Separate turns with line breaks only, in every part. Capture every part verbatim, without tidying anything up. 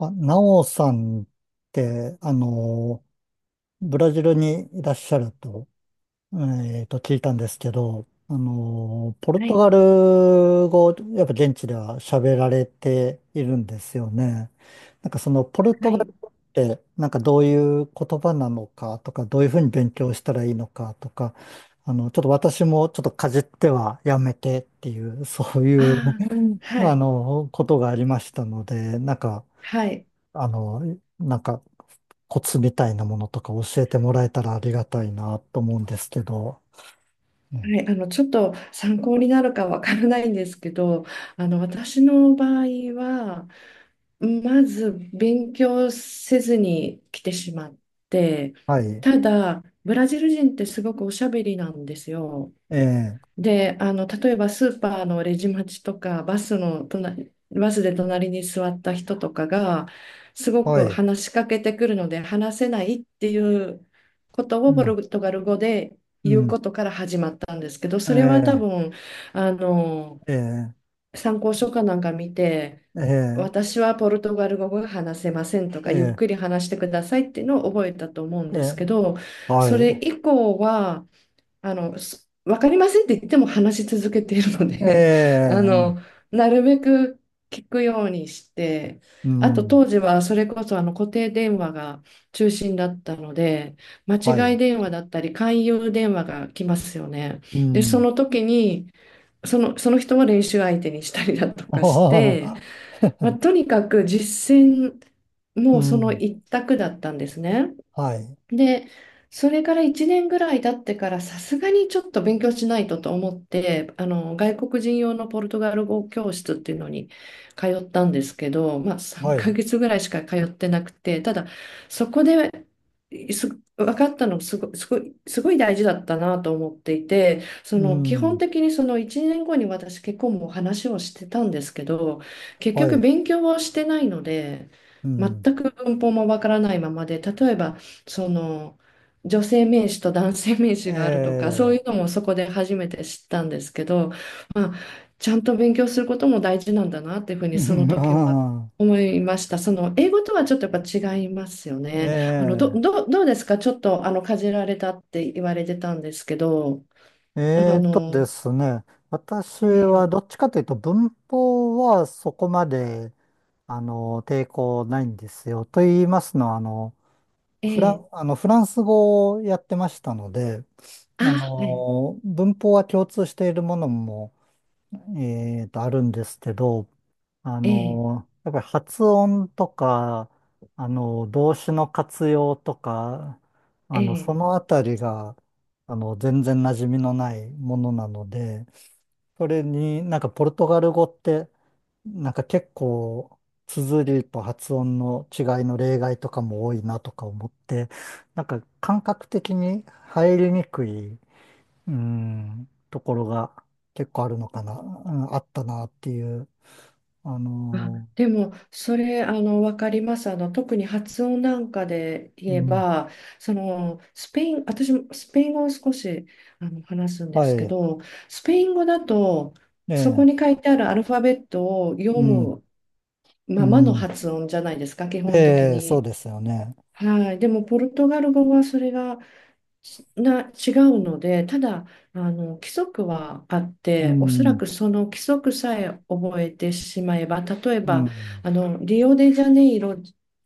あ、ナオさんって、あの、ブラジルにいらっしゃると、えーと、聞いたんですけど、あの、ポル
は
ト
い、
ガル語、やっぱ現地では喋られているんですよね。なんかそのポルト
は
ガ
い、
ル語って、なんかどういう言葉なのかとか、どういうふうに勉強したらいいのかとか、あの、ちょっと私もちょっとかじってはやめてっていう、そう
あ
いう、
あ、は
あ
い、
の、ことがありましたので、なんか、
はい、
あの、なんかコツみたいなものとか教えてもらえたらありがたいなと思うんですけど。ええ
はい、あの、ちょっと参考になるかわからないんですけど、あの、私の場合は、まず勉強せずに来てしまって、
はい、
ただ、ブラジル人ってすごくおしゃべりなんですよ。
ええ、
で、あの、例えばスーパーのレジ待ちとか、バスの隣、バスで隣に座った人とかが、すご
は
く
い、
話しかけてくるので、話せないっていうこと
う
をポ
ん、
ルトガル語で
う
言う
ん、
ことから始まったんですけど、
え
それは多
え、
分、あの、
ええ、
参考書かなんか見て、
ええ、
私はポルトガル語が話せませんと
え
か、ゆっ
え、
くり話してくださいっていうのを覚えたと思うん
え
ですけ
え
ど、
は
それ
い、
以降は、あの、すわかりませんって言っても話し続けているの
え
で あの、
え、
なるべく聞くようにして、
う
あと
ん、
当時はそれこそあの固定電話が中心だったので、間
は
違い
い、
電話だったり勧誘電話が来ますよね。
う
で、そ
ん、
の時に、その、その人を練習相手にしたりだと
あ
か
は
し
は
て、
は
まあ、とにかく実践
う
もその
ん、
一択だったんですね。
はい、
で、それからいちねんぐらい経ってから、さすがにちょっと勉強しないとと思って、あの、外国人用のポルトガル語教室っていうのに通ったんですけど、まあ、3
はい、
ヶ月ぐらいしか通ってなくて、ただ、そこで、す分かったのすご、すごい、すごい大事だったなと思っていて、そ
う
の基本
ん、
的にそのいちねんごに私結婚も話をしてたんですけど、結
は
局
い、
勉強をしてないので、
う
全
ん、
く文法もわからないままで、例えばその女性名詞と男性名
え
詞があるとかそうい
え、
うのもそこで初めて知ったんですけど、まあ、ちゃんと勉強することも大事なんだなっていうふう
う
にその
んあ
時は
は
思いました。その英語とはちょっとやっぱ違いますよ
い。
ね。あのど、
ええ、
どう、どうですか、ちょっとあのかじられたって言われてたんですけど、あ
えーとで
の、
すね、私は
え
どっ
え
ちかというと文法はそこまであの抵抗ないんですよ。と言いますのはあのフラ
え
ン、
え
あのフランス語をやってましたので、
あ、
あ
はい、
の文法は共通しているものもえーと、あるんですけど、あ
ええ
の、やっぱり発音とか、あの、動詞の活用とか、あの、
え
そ
え
のあたりが、あの、全然馴染みのないものなので、それになんかポルトガル語って、なんか結構、綴りと発音の違いの例外とかも多いなとか思って、なんか感覚的に入りにくいうーん、ところが結構あるのかな、うんあったなっていう。あ
あ、
の
でも、それ、あの、わかります。あの、特に発音なんかで
ーう
言え
ん、
ば、その、スペイン、私もスペイン語を少し、あの、話すんで
は
すけ
い、
ど、スペイン語だと、
え
そこ
え、
に書いてあるアルファベットを読
うん、
む
う
ままの
ん、
発音じゃないですか、基本的
ええ、そう
に。
ですよね。
はい。でも、ポルトガル語はそれがな違うので、ただあの規則はあっ
う
て、おそら
ん、
くその規則さえ覚えてしまえば、例え
う
ば
ん、
あのリオデジャネイロっ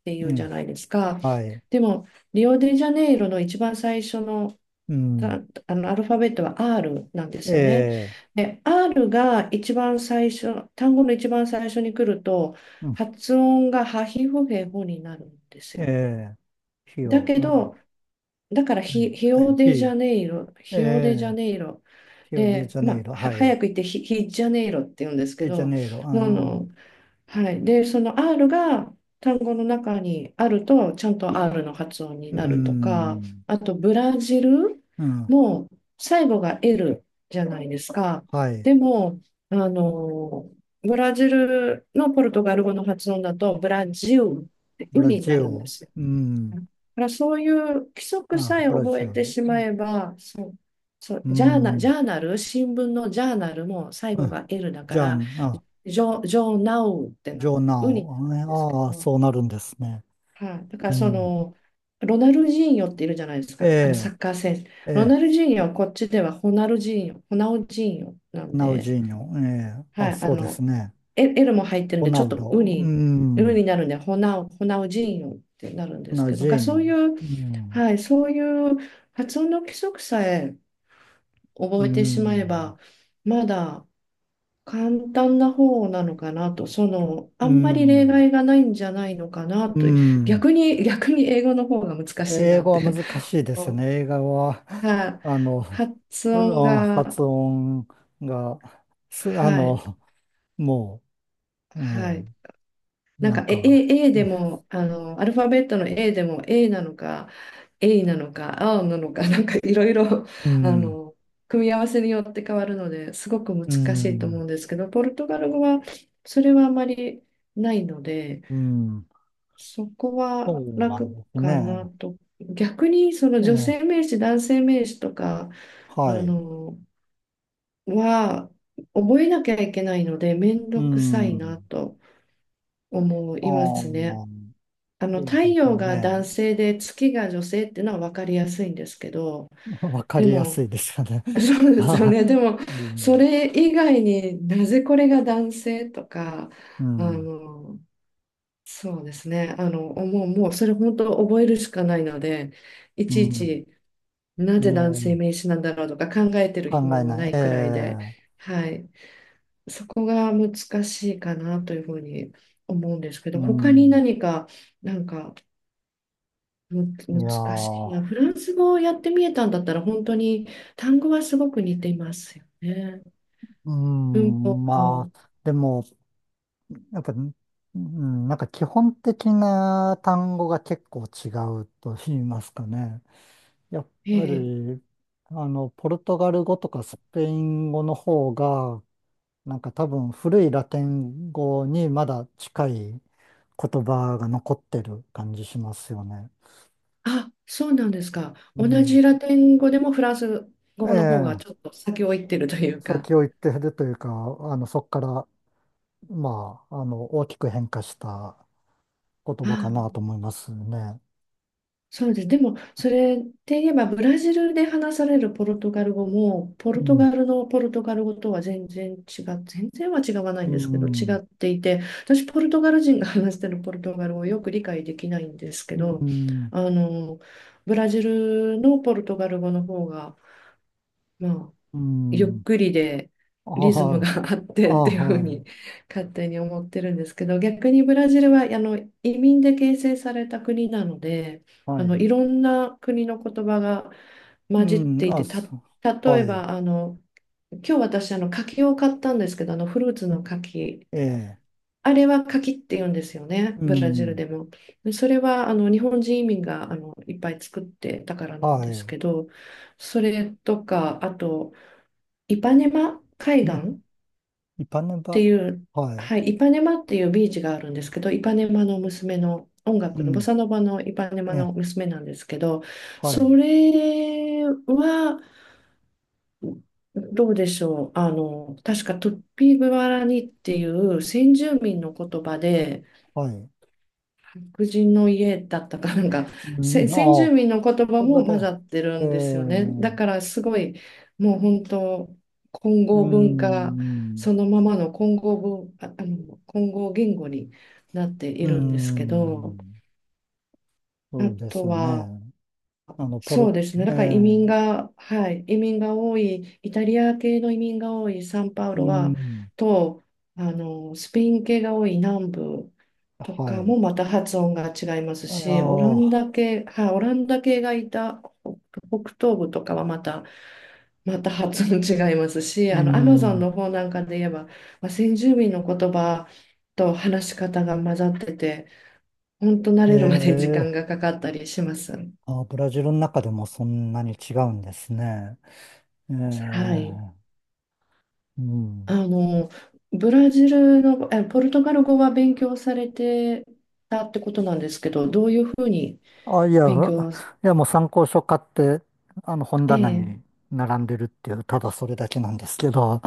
てい
う
うじゃ
ん、
ないですか。
はい、
でも、リオデジャネイロの一番最初の、
う
た
ん、
あのアルファベットは R なんです
え
よね。
え、
で、R が一番最初、単語の一番最初に来ると、
うん、
発音がハヒフヘホになるんです
え
よ。
え、費
だ
用、
け
あ、は
ど、だから
い、
ヒ、ヒオデ
費
ジ
用、
ャネイロ、
え
ヒオデジャ
え、
ネイロ
費用デ
で、
ジャ
ま
ネイ
あ、
ロ、
は
は
早
い、
く言ってヒ、ヒジャネイロって言うんですけ
デジャ
ど、
ネイロ、
あ
あ
の、はい。で、その R が単語の中にあると、ちゃんと R の発音に
ー、う
なるとか、
ん、
あとブラジル
うん、
も最後が L じゃないですか。
はい、
でも、あの、ブラジルのポルトガル語の発音だと、ブラジルって
ブラ
海に
ジ
な
ル、
るんですよ。
うん、
だからそういう規則
あ、
さえ
ブラジ
覚え
ル、
てしまえば、そう、
う
ジャーナ、ジ
ん。
ャーナル、新聞のジャーナルも最後
あ
が L だ
じ
か
ゃあ、
ら、
あ、
ジョ、ジョーナウって
ジ
な、
ョーナ
ウになるん
ウ。
ですけ
ああ、
ど、
そうなるんですね。
はい、だから
う
そ
ん。
の、ロナルジーニョっているじゃないです
え
か、あのサ
え、
ッカー選手。
え
ロナ
え、
ルジーニョはこっちではホナルジーニョ、ホナウジーニョなん
ナウジ
で、
ーニョ。ええ、あ、
はい、あ
そうです
の、
ね。
L L も入ってるん
ロ
で、ち
ナ
ょっ
ウ
とウ
ド。う
に、ウ
ん。
になるんで、ホナウ、ホナウジーニョってなるんです
ナウ
けど、
ジー
が
ニ
そ
ョ。
ういう
うん。
はい、そういう発音の規則さえ
う
覚えてしまえ
ん。
ば、まだ簡単な方なのかなと、その、
う
あんまり例
ん。
外がないんじゃないのかな
う
と、
ん。
逆に、逆に英語の方が難しい
英
なっ
語は
て。
難しいですね。映画は、
はい、
あの、
発
う
音
ん
が、
発音が、す、あ
は
の、
い、
もう、う
はい。なん
なん
か、え、
か、
A、A でも、あの、アルファベットの A でも A なのか、A なのか、A なのか、なんかいろいろ、
う
あ
ん、
の、組み合わせによって変わるので、すごく難
う
しいと思
ん。
うんですけど、ポルトガル語はそれはあまりないので、
うん、
そこ
そ
は
うなん
楽
です
かな
ね。
と。逆に、その
え
女
え、
性名詞、男性名詞とか、あ
はい。
の、は覚えなきゃいけないので、めん
う
どくさいな
ん。
と思いま
ああ、
すね。あの
そう
太
ですよ
陽が
ね。
男性で月が女性っていうのは分かりやすいんですけど、
わか
で
りやす
も
いですよね。
そ うですよ
あ
ね。で
あ
も、
う
そ
ん、
れ以外になぜこれが男性とか、
う
あ
ん、
のそうですね、あのもう、もうそれ本当覚えるしかないので、い
う
ちい
ん。
ちなぜ
ね
男性
え、
名詞なんだろうとか考えてる
考
暇
え
も
な
な
い。え
いくらいで、
え、
はい、そこが難しいかなというふうに思うんですけ
う
ど、他に
ん。
何か、なんかむ、
いや
難しい。いや、
ー、
フランス語をやってみえたんだったら、本当に単語はすごく似ていますよね。
う
文法
ん、ま
も。
あ、でも、やっぱ、うん、なんか基本的な単語が結構違うと言いますかね。やっ
え
ぱ
え。
り、あの、ポルトガル語とかスペイン語の方が、なんか多分古いラテン語にまだ近い言葉が残ってる感じしますよね。
あ、そうなんですか。
う
同
ん。
じラテン語でもフランス
え
語の方がちょ
え、
っと先を行ってるというか。
先を行ってるというか、あの、そこから、まあ、あの、大きく変化した言葉かな
あ、
と思いますね。
そうです。でも、それって言えば、ブラジルで話されるポルトガル語も、ポ
う
ルト
ん。
ガルのポルトガル語とは全然違う、全然は違わない
う
んですけど、
ん。
違っていて、私、ポルトガル人が話してるポルトガル語をよく理解できないんですけ
う
ど、
ん。
あの、ブラジルのポルトガル語の方が、まあ、
う
ゆっ
ん。
くりで
あ
リズム
は
が
い。
あっ
あ
てっていうふう
は
に
い。
勝手に思ってるんですけど、逆にブラジルはあの移民で形成された国なので、
は
あの
い。
いろんな国の言葉が
う
混じっ
ん。
てい
あ、
てた。
そう。
例え
はい。
ばあの今日私あの柿を買ったんですけど、あのフルーツの柿、
ええ、
あれは柿って言うんですよね、
う
ブラジル
ん、
でも。で、それはあの日本人移民があのいっぱい作ってたからなん
は
です
い。
けど、それとか、あとイパネマ海岸
ね、
っ
一般の
て
場、
いう、
はい、
はい、イパネマっていうビーチがあるんですけど、イパネマの娘の音
う
楽のボ
ん、
サノバのイパネマ
ええ、
の娘なんですけど、
は
そ
い、
れはどうでしょう。あの、確かトゥッピーグアラニっていう先住民の言葉で、
はい。
白人の家だったかなんか、
う
せ
ん、
先住
あ
民
あ、
の言葉
言葉
も
で、
混ざってる
ええ、
んですよね。だからすごい、もう本当、混
う
合文化、
ん、
そのままの混合文、あ、あの、混合言語になってい
う
るんですけど、
ん、そ
あ
うです
と
よ
は、
ね。あの、ポロッ
そうで
と、
すね。
え
だから
え、
移民が、はい、移民が多い、イタリア系の移民が多いサンパウ
う
ロは、
ん、
と、あの、スペイン系が多い南部と
は
か
い。
もまた発音が違います
あいや
し、オラン
あ、
ダ系、はい、オランダ系がいた北東部とかはまた、また発音違いますし、
う
あの、アマゾン
ん、
の方なんかで言えば、まあ、先住民の言葉と話し方が混ざってて、本当慣
え
れるまで時間
え、
がかかったりします。
あ、ブラジルの中でもそんなに違うんですね。ええ、
はい。
う
あ
ん。
の、ブラジルの、え、ポルトガル語は勉強されてたってことなんですけど、どういうふうに
あ、いや、
勉強、
いやもう参考書買って、あの本
え
棚
え、
に並んでるっていう、ただそれだけなんですけど。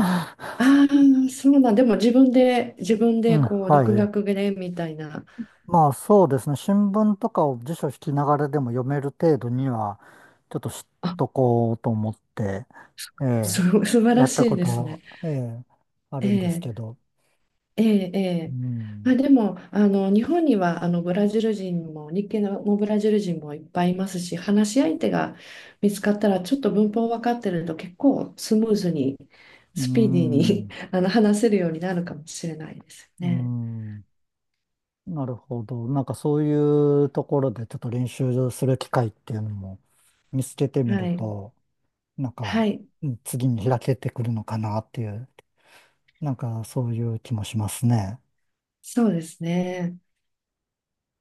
ああ、そうなん、でも自分で、自分
う
で
ん、
こう、
は
独
い。
学でみたいな、
まあそうですね。新聞とかを辞書引きながらでも読める程度には、ちょっと知っ
あ、
とこうと思って、え
す、
え、
素晴
や
ら
っ
し
た
い
こ
ですね。
と、ええ、あ
え
るんですけ
え
ど。
ええ、え
う
え。ま
ん、
あ、でも、あの、日本には、あの、ブラジル人も、日系のブラジル人もいっぱいいますし、話し相手が見つかったら、ちょっと文法分かってると、結構スムーズに、
う
スピーディーに
ん、
あの、話せるようになるかもしれないです
う
よね。
ん。なるほど。なんかそういうところでちょっと練習する機会っていうのも見つけてみ
は
る
い。
と、なん
は
か、
い。
うん次に開けてくるのかなっていう、なんかそういう気もしますね。
そうですね。